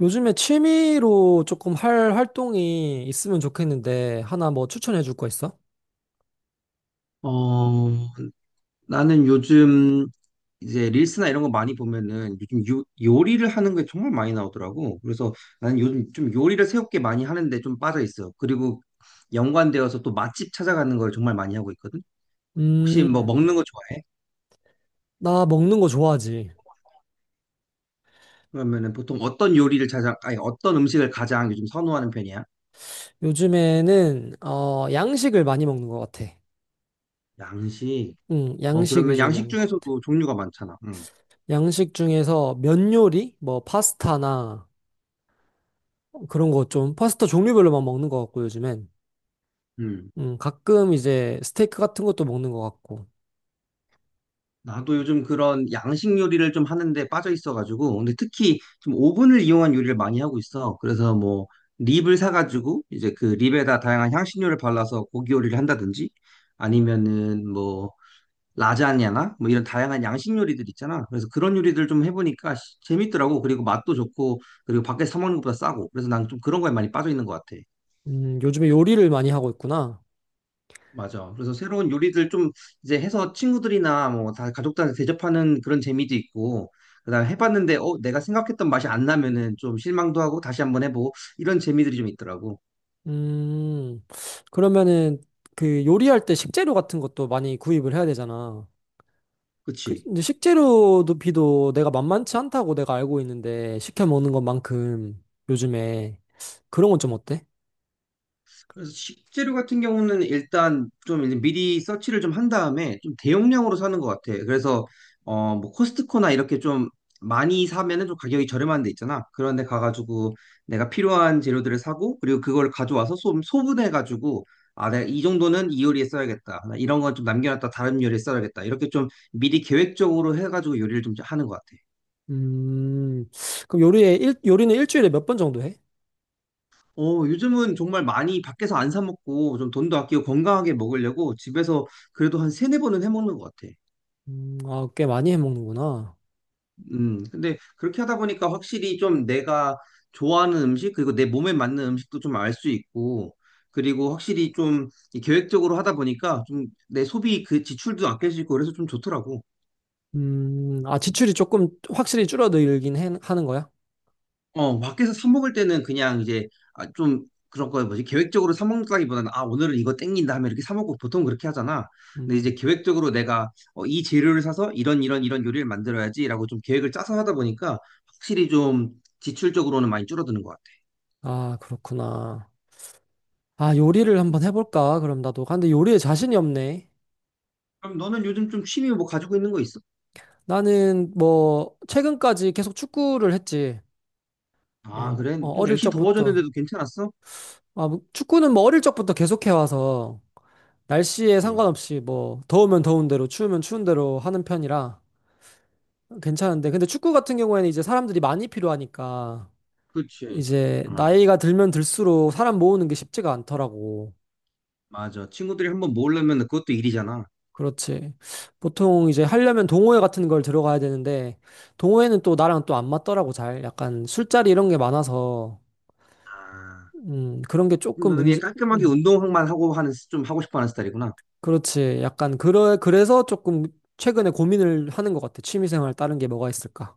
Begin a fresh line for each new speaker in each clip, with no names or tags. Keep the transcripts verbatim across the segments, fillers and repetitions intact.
요즘에 취미로 조금 할 활동이 있으면 좋겠는데, 하나 뭐 추천해 줄 거 있어?
어, 나는 요즘 이제 릴스나 이런 거 많이 보면은 요즘 요, 요리를 하는 게 정말 많이 나오더라고. 그래서 나는 요즘 좀 요리를 새롭게 많이 하는데 좀 빠져 있어. 그리고 연관되어서 또 맛집 찾아가는 걸 정말 많이 하고 있거든. 혹시 뭐
음,
먹는 거 좋아해?
나 먹는 거 좋아하지.
그러면은 보통 어떤 요리를 찾아, 아니 어떤 음식을 가장 요즘 선호하는 편이야?
요즘에는, 어, 양식을 많이 먹는 것 같아.
양식.
응,
어,
양식
그러면
위주로
양식
먹는 것 같아.
중에서도 종류가 많잖아. 응.
양식 중에서 면 요리? 뭐, 파스타나 그런 거 좀, 파스타 종류별로만 먹는 것 같고, 요즘엔.
음.
음, 가끔 이제 스테이크 같은 것도 먹는 것 같고.
나도 요즘 그런 양식 요리를 좀 하는데 빠져 있어가지고, 근데 특히 좀 오븐을 이용한 요리를 많이 하고 있어. 그래서 뭐, 립을 사가지고, 이제 그 립에다 다양한 향신료를 발라서 고기 요리를 한다든지, 아니면은 뭐, 라자냐나, 뭐 이런 다양한 양식 요리들 있잖아. 그래서 그런 요리들 좀 해보니까 시- 재밌더라고. 그리고 맛도 좋고, 그리고 밖에서 사 먹는 것보다 싸고. 그래서 난 좀 그런 거에 많이 빠져 있는 것 같아.
음, 요즘에 요리를 많이 하고 있구나.
맞아. 그래서 새로운 요리들 좀 이제 해서 친구들이나 뭐 다 가족들한테 대접하는 그런 재미도 있고, 그다음 해봤는데 어 내가 생각했던 맛이 안 나면은 좀 실망도 하고 다시 한번 해보고 이런 재미들이 좀 있더라고.
음, 그러면은 그 요리할 때 식재료 같은 것도 많이 구입을 해야 되잖아. 그
그치?
근데 식재료도 비도 내가 만만치 않다고 내가 알고 있는데 시켜 먹는 것만큼 요즘에 그런 건 좀 어때?
그래서 식재료 같은 경우는 일단 좀 이제 미리 서치를 좀 한 다음에 좀 대용량으로 사는 것 같아. 그래서 어 뭐 코스트코나 이렇게 좀 많이 사면은 좀 가격이 저렴한 데 있잖아. 그런 데 가가지고 내가 필요한 재료들을 사고 그리고 그걸 가져와서 소, 소분해가지고 아, 내가 이 정도는 이 요리에 써야겠다. 나 이런 건 좀 남겨놨다 다른 요리에 써야겠다. 이렇게 좀 미리 계획적으로 해가지고 요리를 좀 하는 것 같아.
음, 그럼 요리에 일, 요리는 일주일에 몇 번 정도 해?
어, 요즘은 정말 많이 밖에서 안 사 먹고 좀 돈도 아끼고 건강하게 먹으려고 집에서 그래도 한 세네 번은 해 먹는 것 같아.
음, 아, 꽤 많이 해 먹는구나.
음, 근데 그렇게 하다 보니까 확실히 좀 내가 좋아하는 음식, 그리고 내 몸에 맞는 음식도 좀 알 수 있고, 그리고 확실히 좀이 계획적으로 하다 보니까 좀 내 소비 그 지출도 아낄 수 있고 그래서 좀 좋더라고.
음, 아, 지출이 조금 확실히 줄어들긴 해- 하는 거야?
어, 밖에서 사 먹을 때는 그냥 이제 아, 좀 그런 거 뭐지? 계획적으로 사 먹는다기보다는 아, 오늘은 이거 땡긴다 하면 이렇게 사 먹고 보통 그렇게 하잖아. 근데 이제
음,
계획적으로 내가 어, 이 재료를 사서 이런 이런 이런 요리를 만들어야지라고 좀 계획을 짜서 하다 보니까 확실히 좀 지출적으로는 많이 줄어드는 것 같아.
아, 그렇구나. 아, 요리를 한번 해볼까? 그럼 나도. 아, 근데 요리에 자신이 없네.
그럼 너는 요즘 좀 취미 뭐 가지고 있는 거 있어?
나는 뭐 최근까지 계속 축구를 했지.
아,
어,
그래?
어,
좀
어릴
날씨
적부터.
더워졌는데도 괜찮았어?
아, 뭐 축구는 뭐 어릴 적부터 계속해 와서 날씨에
그치.
상관없이 뭐 더우면 더운 대로 추우면 추운 대로 하는 편이라 괜찮은데, 근데 축구 같은 경우에는 이제 사람들이 많이 필요하니까
그치.
이제
어,
나이가 들면 들수록 사람 모으는 게 쉽지가 않더라고.
맞아. 친구들이 한번 모으려면 그것도 일이잖아.
그렇지. 보통 이제 하려면 동호회 같은 걸 들어가야 되는데, 동호회는 또 나랑 또 안 맞더라고 잘. 약간 술자리 이런 게 많아서,
아,
음, 그런 게
그럼
조금
너는 그냥
문제.
깔끔하게
음,
운동만 하고 하는 좀 하고 싶어 하는 스타일이구나.
그렇지. 약간, 그러, 그래서 조금 최근에 고민을 하는 것 같아. 취미생활 다른 게 뭐가 있을까?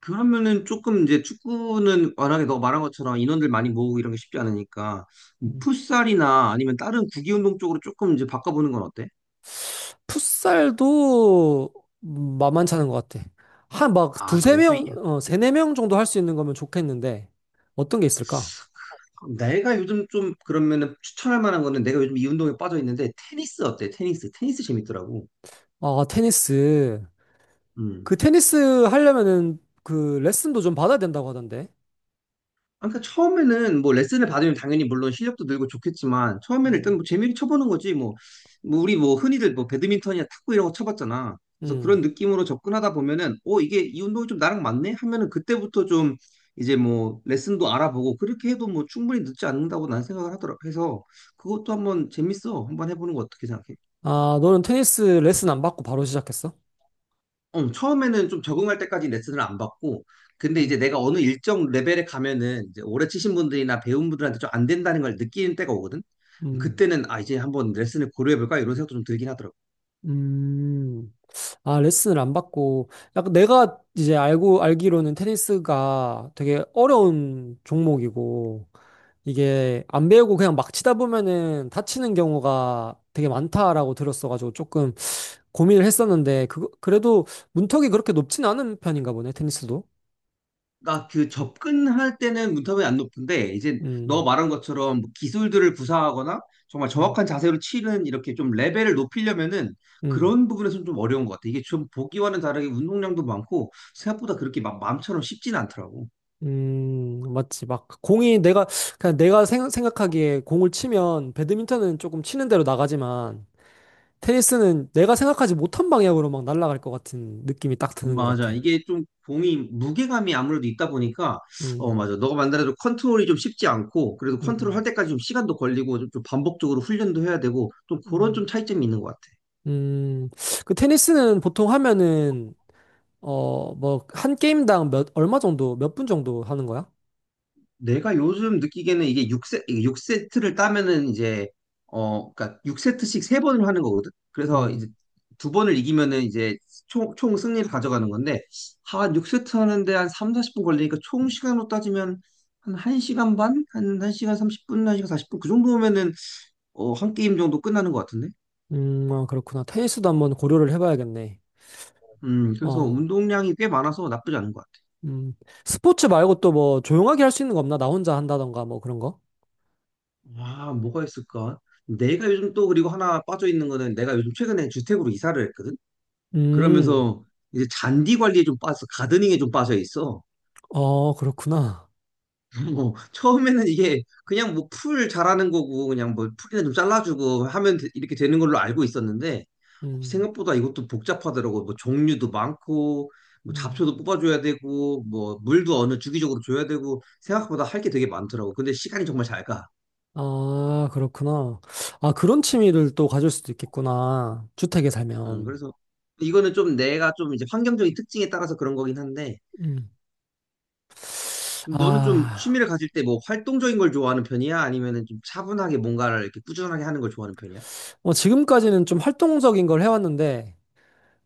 그러면은 조금 이제 축구는 워낙에 너 말한 것처럼 인원들 많이 모으고 이런 게 쉽지 않으니까
음.
풋살이나 아니면 다른 구기 운동 쪽으로 조금 이제 바꿔보는 건 어때?
풋살도 만만찮은 것 같아. 한 막
아,
두세
그래. 또 이-
명, 어, 세네 명 정도 할 수 있는 거면 좋겠는데, 어떤 게 있을까?
내가 요즘 좀 그러면은 추천할 만한 거는 내가 요즘 이 운동에 빠져 있는데 테니스 어때? 테니스. 테니스 재밌더라고.
아, 테니스.
음.
그 테니스 하려면은 그 레슨도 좀 받아야 된다고 하던데.
아, 그러니까 처음에는 뭐 레슨을 받으면 당연히 물론 실력도 늘고 좋겠지만 처음에는 일단
음.
뭐 재미를 쳐보는 거지 뭐, 뭐 우리 뭐 흔히들 뭐 배드민턴이나 탁구 이런 거 쳐봤잖아. 그래서
음.
그런 느낌으로 접근하다 보면은 어 이게 이 운동이 좀 나랑 맞네 하면은 그때부터 좀 이제 뭐 레슨도 알아보고 그렇게 해도 뭐 충분히 늦지 않는다고 난 생각을 하더라. 해서 그것도 한번 재밌어. 한번 해보는 거 어떻게 생각해?
아, 너는 테니스 레슨 안 받고 바로 시작했어?
어, 처음에는 좀 적응할 때까지 레슨을 안 받고, 근데 이제
음.
내가 어느 일정 레벨에 가면은 이제 오래 치신 분들이나 배운 분들한테 좀 안 된다는 걸 느끼는 때가 오거든?
음.
그때는 아, 이제 한번 레슨을 고려해볼까? 이런 생각도 좀 들긴 하더라고.
음, 아, 레슨을 안 받고, 약간 내가 이제 알고, 알기로는 테니스가 되게 어려운 종목이고, 이게 안 배우고 그냥 막 치다 보면은 다치는 경우가 되게 많다라고 들었어가지고 조금 고민을 했었는데, 그, 그래도 문턱이 그렇게 높진 않은 편인가 보네, 테니스도.
나 그 접근할 때는 문턱이 안 높은데, 이제 너
음,
말한 것처럼 뭐 기술들을 구사하거나 정말
음,
정확한 자세로 치는 이렇게 좀 레벨을 높이려면은
음.
그런 부분에서는 좀 어려운 것 같아. 이게 좀 보기와는 다르게 운동량도 많고, 생각보다 그렇게 막 마음처럼 쉽진 않더라고.
음, 맞지. 막, 공이 내가, 그냥 내가 생, 각하기에 공을 치면, 배드민턴은 조금 치는 대로 나가지만, 테니스는 내가 생각하지 못한 방향으로 막 날아갈 것 같은 느낌이 딱 드는 것
맞아.
같아.
이게 좀 공이 무게감이 아무래도 있다 보니까 어
음,
맞아. 너가 만들어도 컨트롤이 좀 쉽지 않고 그래도 컨트롤
음,
할 때까지 좀 시간도 걸리고 좀, 좀 반복적으로 훈련도 해야 되고 좀 그런
음,
좀 차이점이 있는 것 같아.
음. 그 테니스는 보통 하면은, 어, 뭐, 한 게임당 몇, 얼마 정도, 몇 분 정도 하는 거야?
내가 요즘 느끼기에는 이게 육 세, 육세트를 따면은 이제 어 그러니까 육 세트씩 세번을 하는 거거든. 그래서 이제
음,
두 번을 이기면은 이제 총, 총 승리를 가져가는 건데 한 육 세트 하는데 한 삼십, 사십 분 걸리니까 총 시간으로 따지면 한 1시간 반? 한 1시간 삼십 분, 한 시간 사십 분? 그 정도면은 어, 한 게임 정도 끝나는 것 같은데?
음, 아, 그렇구나. 테니스도 한번 고려를 해봐야겠네.
음, 그래서
어,
운동량이 꽤 많아서 나쁘지 않은 것 같아.
음. 스포츠 말고 또 뭐, 조용하게 할 수 있는 거 없나? 나 혼자 한다던가, 뭐 그런 거?
아, 뭐가 있을까? 내가 요즘 또 그리고 하나 빠져 있는 거는 내가 요즘 최근에 주택으로 이사를 했거든?
음,
그러면서 이제 잔디 관리에 좀 빠져, 가드닝에 좀 빠져 있어.
어, 그렇구나.
뭐 처음에는 이게 그냥 뭐 풀 자라는 거고 그냥 뭐 풀이나 좀 잘라주고 하면 되- 이렇게 되는 걸로 알고 있었는데
음,
생각보다 이것도 복잡하더라고. 뭐 종류도 많고 뭐
음.
잡초도 뽑아줘야 되고 뭐 물도 어느 주기적으로 줘야 되고 생각보다 할 게 되게 많더라고. 근데 시간이 정말 잘 가.
아, 그렇구나. 아, 그런 취미를 또 가질 수도 있겠구나. 주택에
음,
살면.
그래서 이거는 좀 내가 좀 이제 환경적인 특징에 따라서 그런 거긴 한데
음.
너는 좀
아,
취미를 가질 때 뭐 활동적인 걸 좋아하는 편이야? 아니면은 좀 차분하게 뭔가를 이렇게 꾸준하게 하는 걸 좋아하는 편이야?
뭐 지금까지는 좀 활동적인 걸 해왔는데,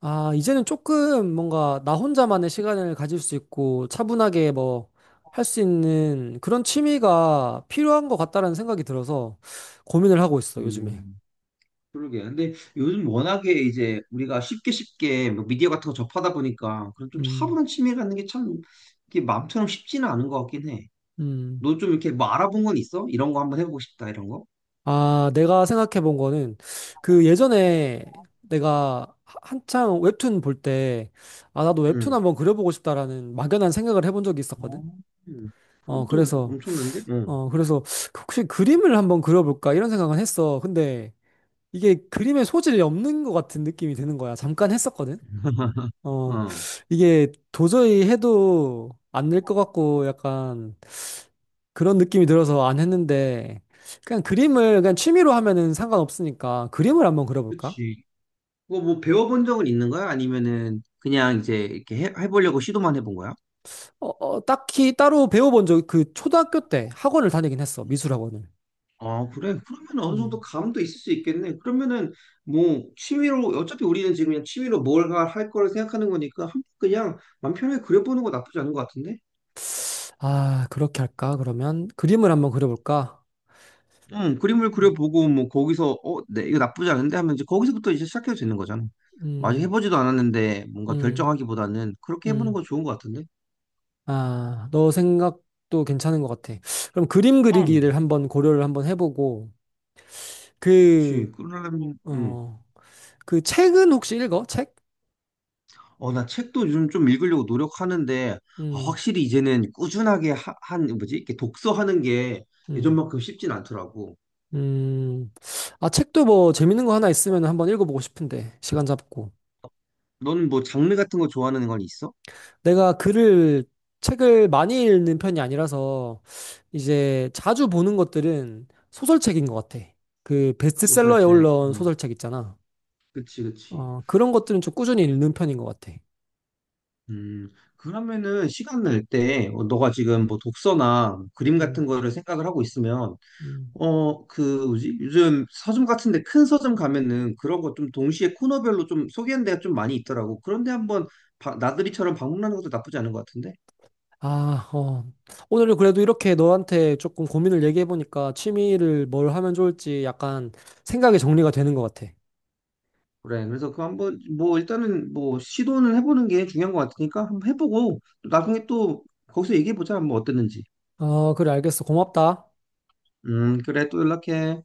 아, 이제는 조금 뭔가 나 혼자만의 시간을 가질 수 있고, 차분하게 뭐, 할 수 있는 그런 취미가 필요한 것 같다라는 생각이 들어서 고민을 하고 있어, 요즘에.
음. 그러게. 근데 요즘 워낙에 이제 우리가 쉽게 쉽게 뭐 미디어 같은 거 접하다 보니까 그런 좀
음,
차분한 취미 갖는 게 참 이게 마음처럼 쉽지는 않은 것 같긴 해.
음.
너 좀 이렇게 뭐 알아본 건 있어? 이런 거 한번 해보고 싶다 이런 거?
아, 내가 생각해 본 거는 그 예전에 내가 하- 한창 웹툰 볼 때, 아, 나도 웹툰
응.
한번 그려보고 싶다라는 막연한 생각을 해본 적이 있었거든.
어, 음.
어,
그것도
그래서,
엄청난데? 응.
어, 그래서 혹시 그림을 한번 그려볼까 이런 생각은 했어. 근데 이게 그림에 소질이 없는 것 같은 느낌이 드는 거야. 잠깐 했었거든. 어,
어.
이게 도저히 해도 안 될 것 같고 약간 그런 느낌이 들어서 안 했는데 그냥 그림을 그냥 취미로 하면은 상관없으니까 그림을 한번 그려볼까?
그치. 그거 뭐 배워본 적은 있는 거야? 아니면은 그냥 이제 이렇게 해, 해보려고 시도만 해본 거야?
어, 어, 딱히 따로 배워본 적 그 초등학교 때 학원을 다니긴 했어, 미술 학원을.
아, 그래. 그러면 어느 정도
음.
감도 있을 수 있겠네. 그러면은 뭐 취미로 어차피 우리는 지금 그냥 취미로 뭘 할 거를 생각하는 거니까 한번 그냥 맘 편하게 그려보는 거 나쁘지 않은 것 같은데?
아, 그렇게 할까? 그러면 그림을 한번 그려볼까?
응, 그림을
음,
그려보고 뭐 거기서 어, 네, 이거 나쁘지 않은데 하면 이제 거기서부터 이제 시작해도 되는 거잖아. 아직
음,
해보지도 않았는데 뭔가
음.
결정하기보다는 그렇게 해보는
음.
거 좋은 것 같은데?
아, 너 생각도 괜찮은 것 같아. 그럼 그림
응,
그리기를 한번 고려를 한번 해보고 그,
그렇지. 그러려면 응.
어, 그 책은 혹시 읽어? 책?
어, 나 책도 요즘 좀 읽으려고 노력하는데, 아,
음.
확실히 이제는 꾸준하게 하, 한, 뭐지? 이렇게 독서하는 게
음.
예전만큼 쉽진 않더라고.
음, 아, 책도 뭐 재밌는 거 하나 있으면 한번 읽어보고 싶은데, 시간 잡고.
너는 뭐 장르 같은 거 좋아하는 건 있어?
내가 글을, 책을 많이 읽는 편이 아니라서, 이제 자주 보는 것들은 소설책인 것 같아. 그 베스트셀러에
소설책.
올라온
음,
소설책 있잖아.
그치, 그치.
어, 그런 것들은 좀 꾸준히 읽는 편인 것 같아.
음, 그러면은 시간 날 때, 어, 너가 지금 뭐 독서나 그림
음,
같은 거를 생각을 하고 있으면,
음.
어, 그, 뭐지? 요즘 서점 같은데 큰 서점 가면은 그런 거 좀 동시에 코너별로 좀 소개하는 데가 좀 많이 있더라고. 그런데 한번 바- 나들이처럼 방문하는 것도 나쁘지 않은 것 같은데?
아, 어. 오늘은 그래도 이렇게 너한테 조금 고민을 얘기해보니까 취미를 뭘 하면 좋을지 약간 생각이 정리가 되는 것 같아.
그래. 그래서 그 한번 뭐 일단은 뭐 시도는 해보는 게 중요한 것 같으니까 한번 해보고 또 나중에 또 거기서 얘기해 보자. 뭐 어땠는지.
어, 그래, 알겠어. 고맙다.
음, 그래. 또 연락해.